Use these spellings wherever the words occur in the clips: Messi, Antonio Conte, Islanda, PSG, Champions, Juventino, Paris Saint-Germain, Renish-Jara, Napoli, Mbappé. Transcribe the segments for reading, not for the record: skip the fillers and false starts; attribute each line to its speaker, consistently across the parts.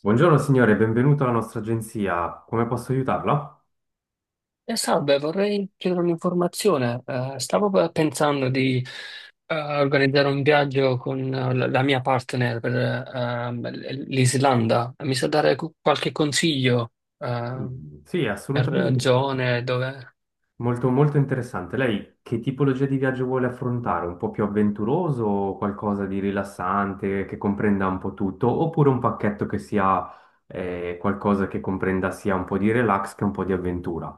Speaker 1: Buongiorno signore, benvenuto alla nostra agenzia. Come posso aiutarla?
Speaker 2: Salve, vorrei chiedere un'informazione. Stavo pensando di organizzare un viaggio con la mia partner per l'Islanda. Mi sa dare qualche consiglio eh,
Speaker 1: Mm, sì,
Speaker 2: per
Speaker 1: assolutamente. Sì.
Speaker 2: zone dove...
Speaker 1: Molto, molto interessante. Lei che tipologia di viaggio vuole affrontare? Un po' più avventuroso o qualcosa di rilassante che comprenda un po' tutto? Oppure un pacchetto che sia qualcosa che comprenda sia un po' di relax che un po' di avventura?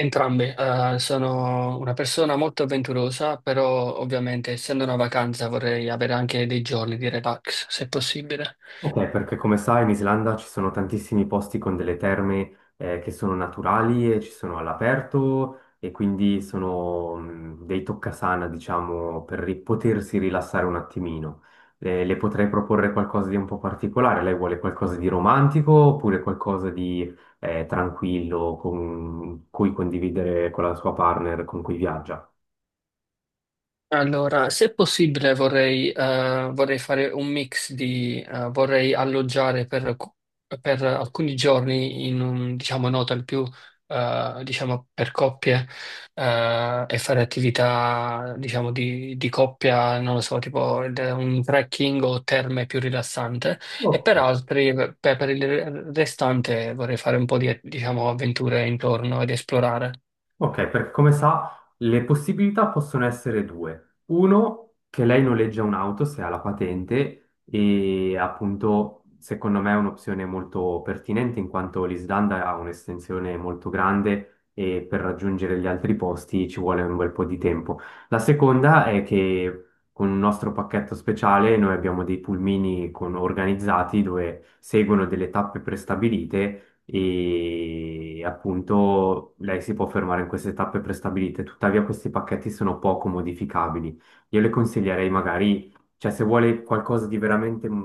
Speaker 2: Entrambe, sono una persona molto avventurosa, però ovviamente essendo una vacanza vorrei avere anche dei giorni di relax, se possibile.
Speaker 1: Ok, perché come sai in Islanda ci sono tantissimi posti con delle terme che sono naturali e ci sono all'aperto e quindi sono dei toccasana, diciamo, per potersi rilassare un attimino. Le potrei proporre qualcosa di un po' particolare. Lei vuole qualcosa di romantico oppure qualcosa di tranquillo con cui condividere con la sua partner con cui viaggia?
Speaker 2: Allora, se possibile vorrei, vorrei fare un mix di, vorrei alloggiare per alcuni giorni in un, diciamo, un hotel più, diciamo, per coppie, e fare attività, diciamo, di coppia, non lo so, tipo un trekking o terme più rilassante, e per altri, per il restante vorrei fare un po' di, diciamo, avventure intorno ed esplorare.
Speaker 1: Ok, perché come sa, le possibilità possono essere due. Uno, che lei noleggia un'auto se ha la patente e appunto secondo me è un'opzione molto pertinente in quanto l'Islanda ha un'estensione molto grande e per raggiungere gli altri posti ci vuole un bel po' di tempo. La seconda è che con un nostro pacchetto speciale noi abbiamo dei pulmini organizzati dove seguono delle tappe prestabilite e appunto lei si può fermare in queste tappe prestabilite, tuttavia questi pacchetti sono poco modificabili. Io le consiglierei magari, cioè se vuole qualcosa di veramente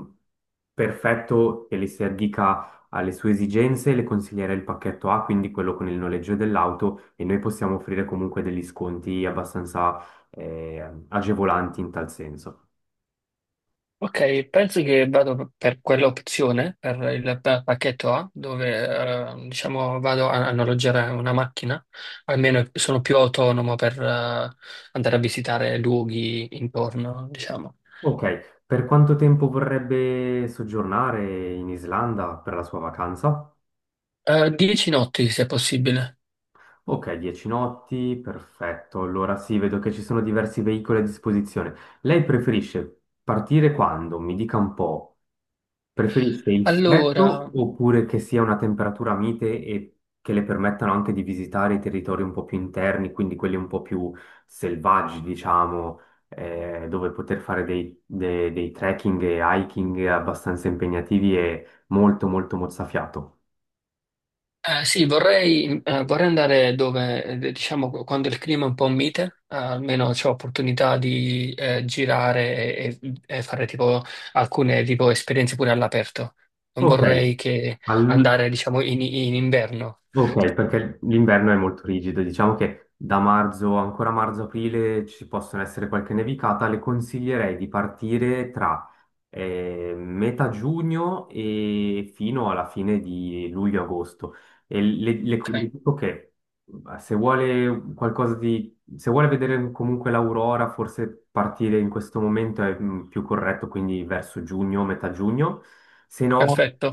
Speaker 1: perfetto e le si addica alle sue esigenze, le consiglierei il pacchetto A, quindi quello con il noleggio dell'auto e noi possiamo offrire comunque degli sconti abbastanza agevolanti in tal senso.
Speaker 2: Ok, penso che vado per quell'opzione, per il pacchetto A, dove diciamo vado a, a noleggiare una macchina, almeno sono più autonomo per andare a visitare luoghi intorno, diciamo.
Speaker 1: Ok, per quanto tempo vorrebbe soggiornare in Islanda per la sua vacanza?
Speaker 2: 10 notti, se possibile.
Speaker 1: Ok, 10 notti, perfetto. Allora sì, vedo che ci sono diversi veicoli a disposizione. Lei preferisce partire quando? Mi dica un po'. Preferisce il freddo
Speaker 2: Allora.
Speaker 1: oppure che sia una temperatura mite e che le permettano anche di visitare i territori un po' più interni, quindi quelli un po' più selvaggi, diciamo, dove poter fare dei trekking e hiking abbastanza impegnativi e molto molto mozzafiato.
Speaker 2: Sì, vorrei, vorrei andare dove, diciamo, quando il clima è un po' mite, almeno c'ho opportunità di girare e fare tipo alcune tipo, esperienze pure all'aperto. Non
Speaker 1: Ok.
Speaker 2: vorrei che andare, diciamo, in, in inverno.
Speaker 1: Ok, perché l'inverno è molto rigido, diciamo che da marzo, ancora marzo-aprile ci possono essere qualche nevicata, le consiglierei di partire tra metà giugno e fino alla fine di luglio-agosto. E
Speaker 2: Ok,
Speaker 1: le dico che se vuole qualcosa di, se vuole vedere comunque l'aurora, forse partire in questo momento è più corretto, quindi verso giugno, metà giugno, se no,
Speaker 2: perfetto.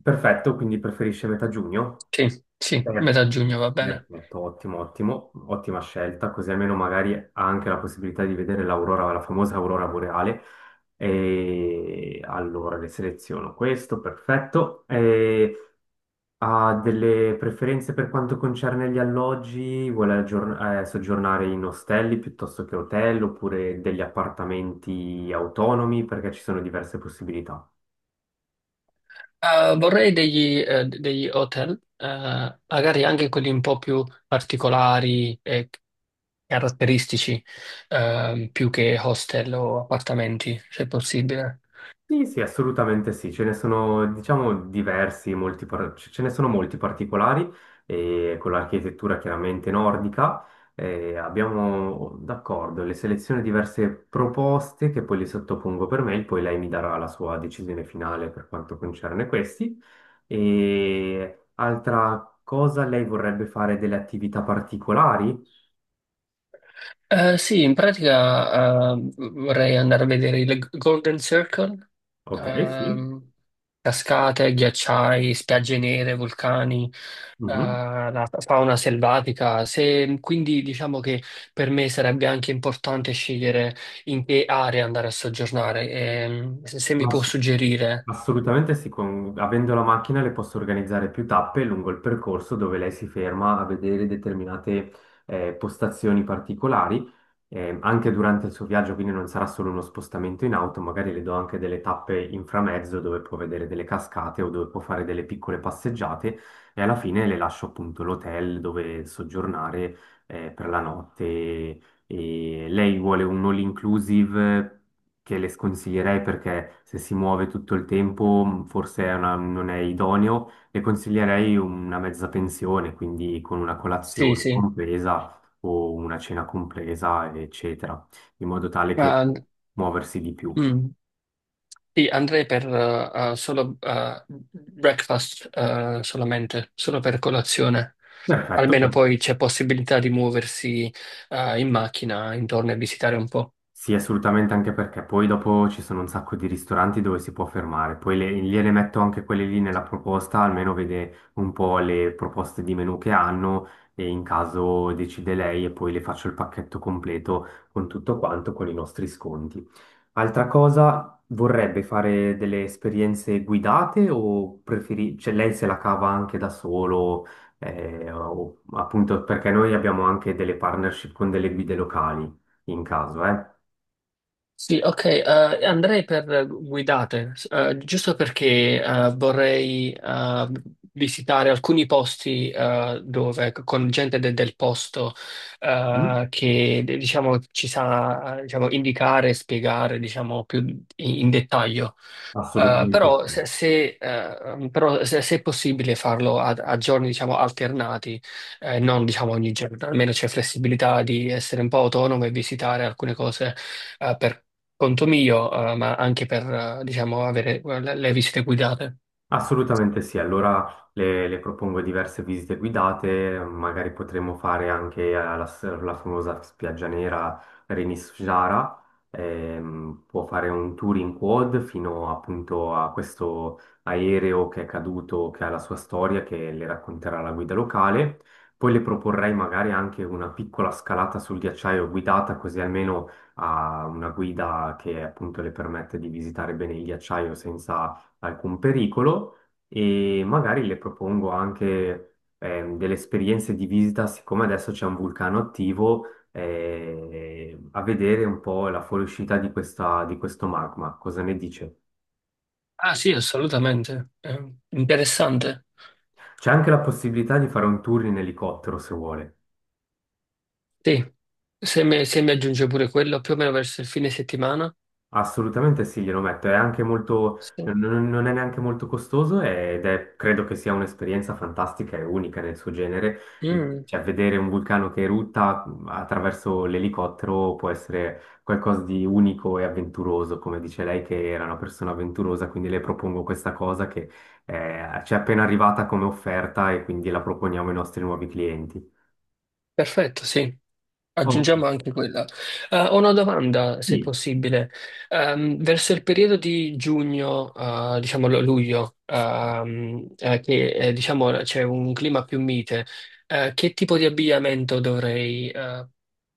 Speaker 1: perfetto, quindi preferisce metà giugno.
Speaker 2: Sì, sì,
Speaker 1: Perfetto.
Speaker 2: metà giugno va bene.
Speaker 1: Perfetto, ottimo, ottimo, ottima scelta, così almeno magari ha anche la possibilità di vedere l'aurora, la famosa aurora boreale. E allora le seleziono questo, perfetto. E ha delle preferenze per quanto concerne gli alloggi? Vuole soggiornare in ostelli piuttosto che hotel oppure degli appartamenti autonomi? Perché ci sono diverse possibilità.
Speaker 2: Vorrei degli, degli hotel, magari anche quelli un po' più particolari, caratteristici, più che hostel o appartamenti, se possibile.
Speaker 1: Sì, sì, assolutamente sì, ce ne sono, diciamo, diversi, molti ce ne sono molti particolari, e con l'architettura chiaramente nordica abbiamo, d'accordo, le selezioni diverse proposte che poi le sottopongo per mail, poi lei mi darà la sua decisione finale per quanto concerne questi. E altra cosa, lei vorrebbe fare delle attività particolari?
Speaker 2: Sì, in pratica, vorrei andare a vedere il Golden Circle,
Speaker 1: Ok, sì.
Speaker 2: ehm, cascate, ghiacciai, spiagge nere, vulcani,
Speaker 1: Mhm.
Speaker 2: la fauna selvatica. Quindi diciamo che per me sarebbe anche importante scegliere in che area andare a soggiornare. Se, se mi
Speaker 1: Ma
Speaker 2: può suggerire.
Speaker 1: assolutamente sì, avendo la macchina le posso organizzare più tappe lungo il percorso dove lei si ferma a vedere determinate postazioni particolari, anche durante il suo viaggio, quindi non sarà solo uno spostamento in auto, magari le do anche delle tappe in framezzo dove può vedere delle cascate o dove può fare delle piccole passeggiate e alla fine le lascio appunto l'hotel dove soggiornare per la notte e lei vuole un all inclusive che le sconsiglierei perché se si muove tutto il tempo forse è non è idoneo. Le consiglierei una mezza pensione, quindi con una
Speaker 2: Sì,
Speaker 1: colazione
Speaker 2: sì.
Speaker 1: compresa o una cena compresa, eccetera, in modo tale che
Speaker 2: Ah,
Speaker 1: muoversi di più.
Speaker 2: mm. Sì, andrei per solo breakfast, solamente, solo per colazione.
Speaker 1: Perfetto.
Speaker 2: Almeno poi c'è possibilità di muoversi in macchina intorno e visitare un po'.
Speaker 1: Sì, assolutamente, anche perché poi dopo ci sono un sacco di ristoranti dove si può fermare, poi gliele metto anche quelle lì nella proposta, almeno vede un po' le proposte di menù che hanno e in caso decide lei e poi le faccio il pacchetto completo con tutto quanto, con i nostri sconti. Altra cosa, vorrebbe fare delle esperienze guidate o preferi... cioè lei se la cava anche da solo, appunto perché noi abbiamo anche delle partnership con delle guide locali in caso, eh?
Speaker 2: Sì, ok, andrei per guidate, giusto perché vorrei visitare alcuni posti dove con gente del posto,
Speaker 1: Sì,
Speaker 2: che diciamo, ci sa diciamo, indicare e spiegare, diciamo, più in dettaglio.
Speaker 1: assolutamente
Speaker 2: Però,
Speaker 1: sì.
Speaker 2: se, se, però se, se è possibile farlo a, a giorni diciamo alternati, non diciamo ogni giorno, almeno c'è flessibilità di essere un po' autonomo e visitare alcune cose per conto mio, ma anche per diciamo avere le visite guidate.
Speaker 1: Assolutamente sì, allora le propongo diverse visite guidate, magari potremmo fare anche alla famosa spiaggia nera Renish-Jara. Può fare un tour in quad fino appunto a questo aereo che è caduto, che ha la sua storia, che le racconterà la guida locale. Poi le proporrei magari anche una piccola scalata sul ghiacciaio guidata, così almeno ha una guida che appunto le permette di visitare bene il ghiacciaio senza alcun pericolo e magari le propongo anche delle esperienze di visita, siccome adesso c'è un vulcano attivo, a vedere un po' la fuoriuscita di di questo magma. Cosa ne dice?
Speaker 2: Ah sì, assolutamente. Interessante.
Speaker 1: C'è anche la possibilità di fare un tour in elicottero se vuole.
Speaker 2: Sì, se mi aggiunge pure quello più o meno verso il fine settimana.
Speaker 1: Assolutamente sì, glielo metto, è anche molto,
Speaker 2: Sì.
Speaker 1: non è neanche molto costoso ed è, credo che sia un'esperienza fantastica e unica nel suo genere,
Speaker 2: Mm,
Speaker 1: cioè vedere un vulcano che erutta attraverso l'elicottero può essere qualcosa di unico e avventuroso, come dice lei che era una persona avventurosa, quindi le propongo questa cosa che ci è appena arrivata come offerta e quindi la proponiamo ai nostri nuovi clienti.
Speaker 2: perfetto, sì.
Speaker 1: Oh,
Speaker 2: Aggiungiamo anche quella. Ho una domanda, se
Speaker 1: sì.
Speaker 2: possibile. Verso il periodo di giugno, diciamo luglio, che, diciamo, c'è un clima più mite, che tipo di abbigliamento dovrei,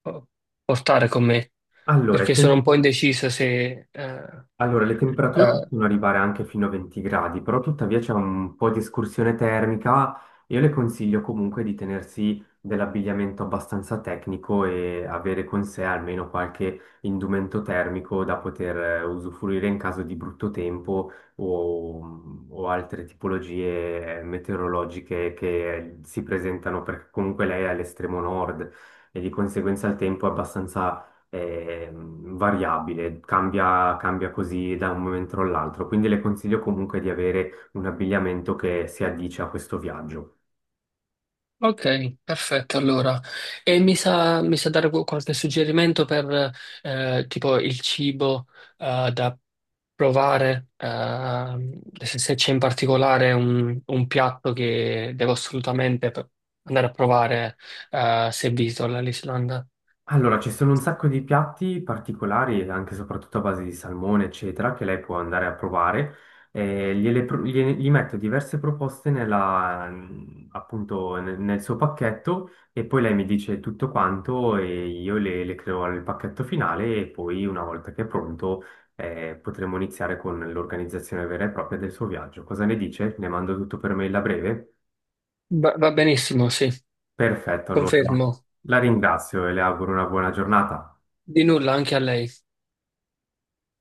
Speaker 2: po- portare con me?
Speaker 1: Allora,
Speaker 2: Perché sono un po' indeciso se
Speaker 1: Allora, le temperature
Speaker 2: eh,
Speaker 1: possono arrivare anche fino a 20 gradi, però tuttavia c'è un po' di escursione termica. Io le consiglio comunque di tenersi dell'abbigliamento abbastanza tecnico e avere con sé almeno qualche indumento termico da poter usufruire in caso di brutto tempo o altre tipologie meteorologiche che si presentano, perché comunque lei è all'estremo nord e di conseguenza il tempo è abbastanza è variabile, cambia, cambia così da un momento all'altro, quindi le consiglio comunque di avere un abbigliamento che si addice a questo viaggio.
Speaker 2: ok, perfetto allora. E mi sa dare qualche suggerimento per tipo il cibo da provare, se, se c'è in particolare un piatto che devo assolutamente andare a provare, se visito l'Islanda.
Speaker 1: Allora, ci sono un sacco di piatti particolari, anche e soprattutto a base di salmone, eccetera, che lei può andare a provare. Gli metto diverse proposte appunto nel, nel suo pacchetto e poi lei mi dice tutto quanto e io le creo nel pacchetto finale e poi una volta che è pronto potremo iniziare con l'organizzazione vera e propria del suo viaggio. Cosa ne dice? Le mando tutto per mail a breve?
Speaker 2: Va, va benissimo, sì,
Speaker 1: Perfetto, allora
Speaker 2: confermo.
Speaker 1: la ringrazio e le auguro una buona giornata.
Speaker 2: Di nulla anche a lei.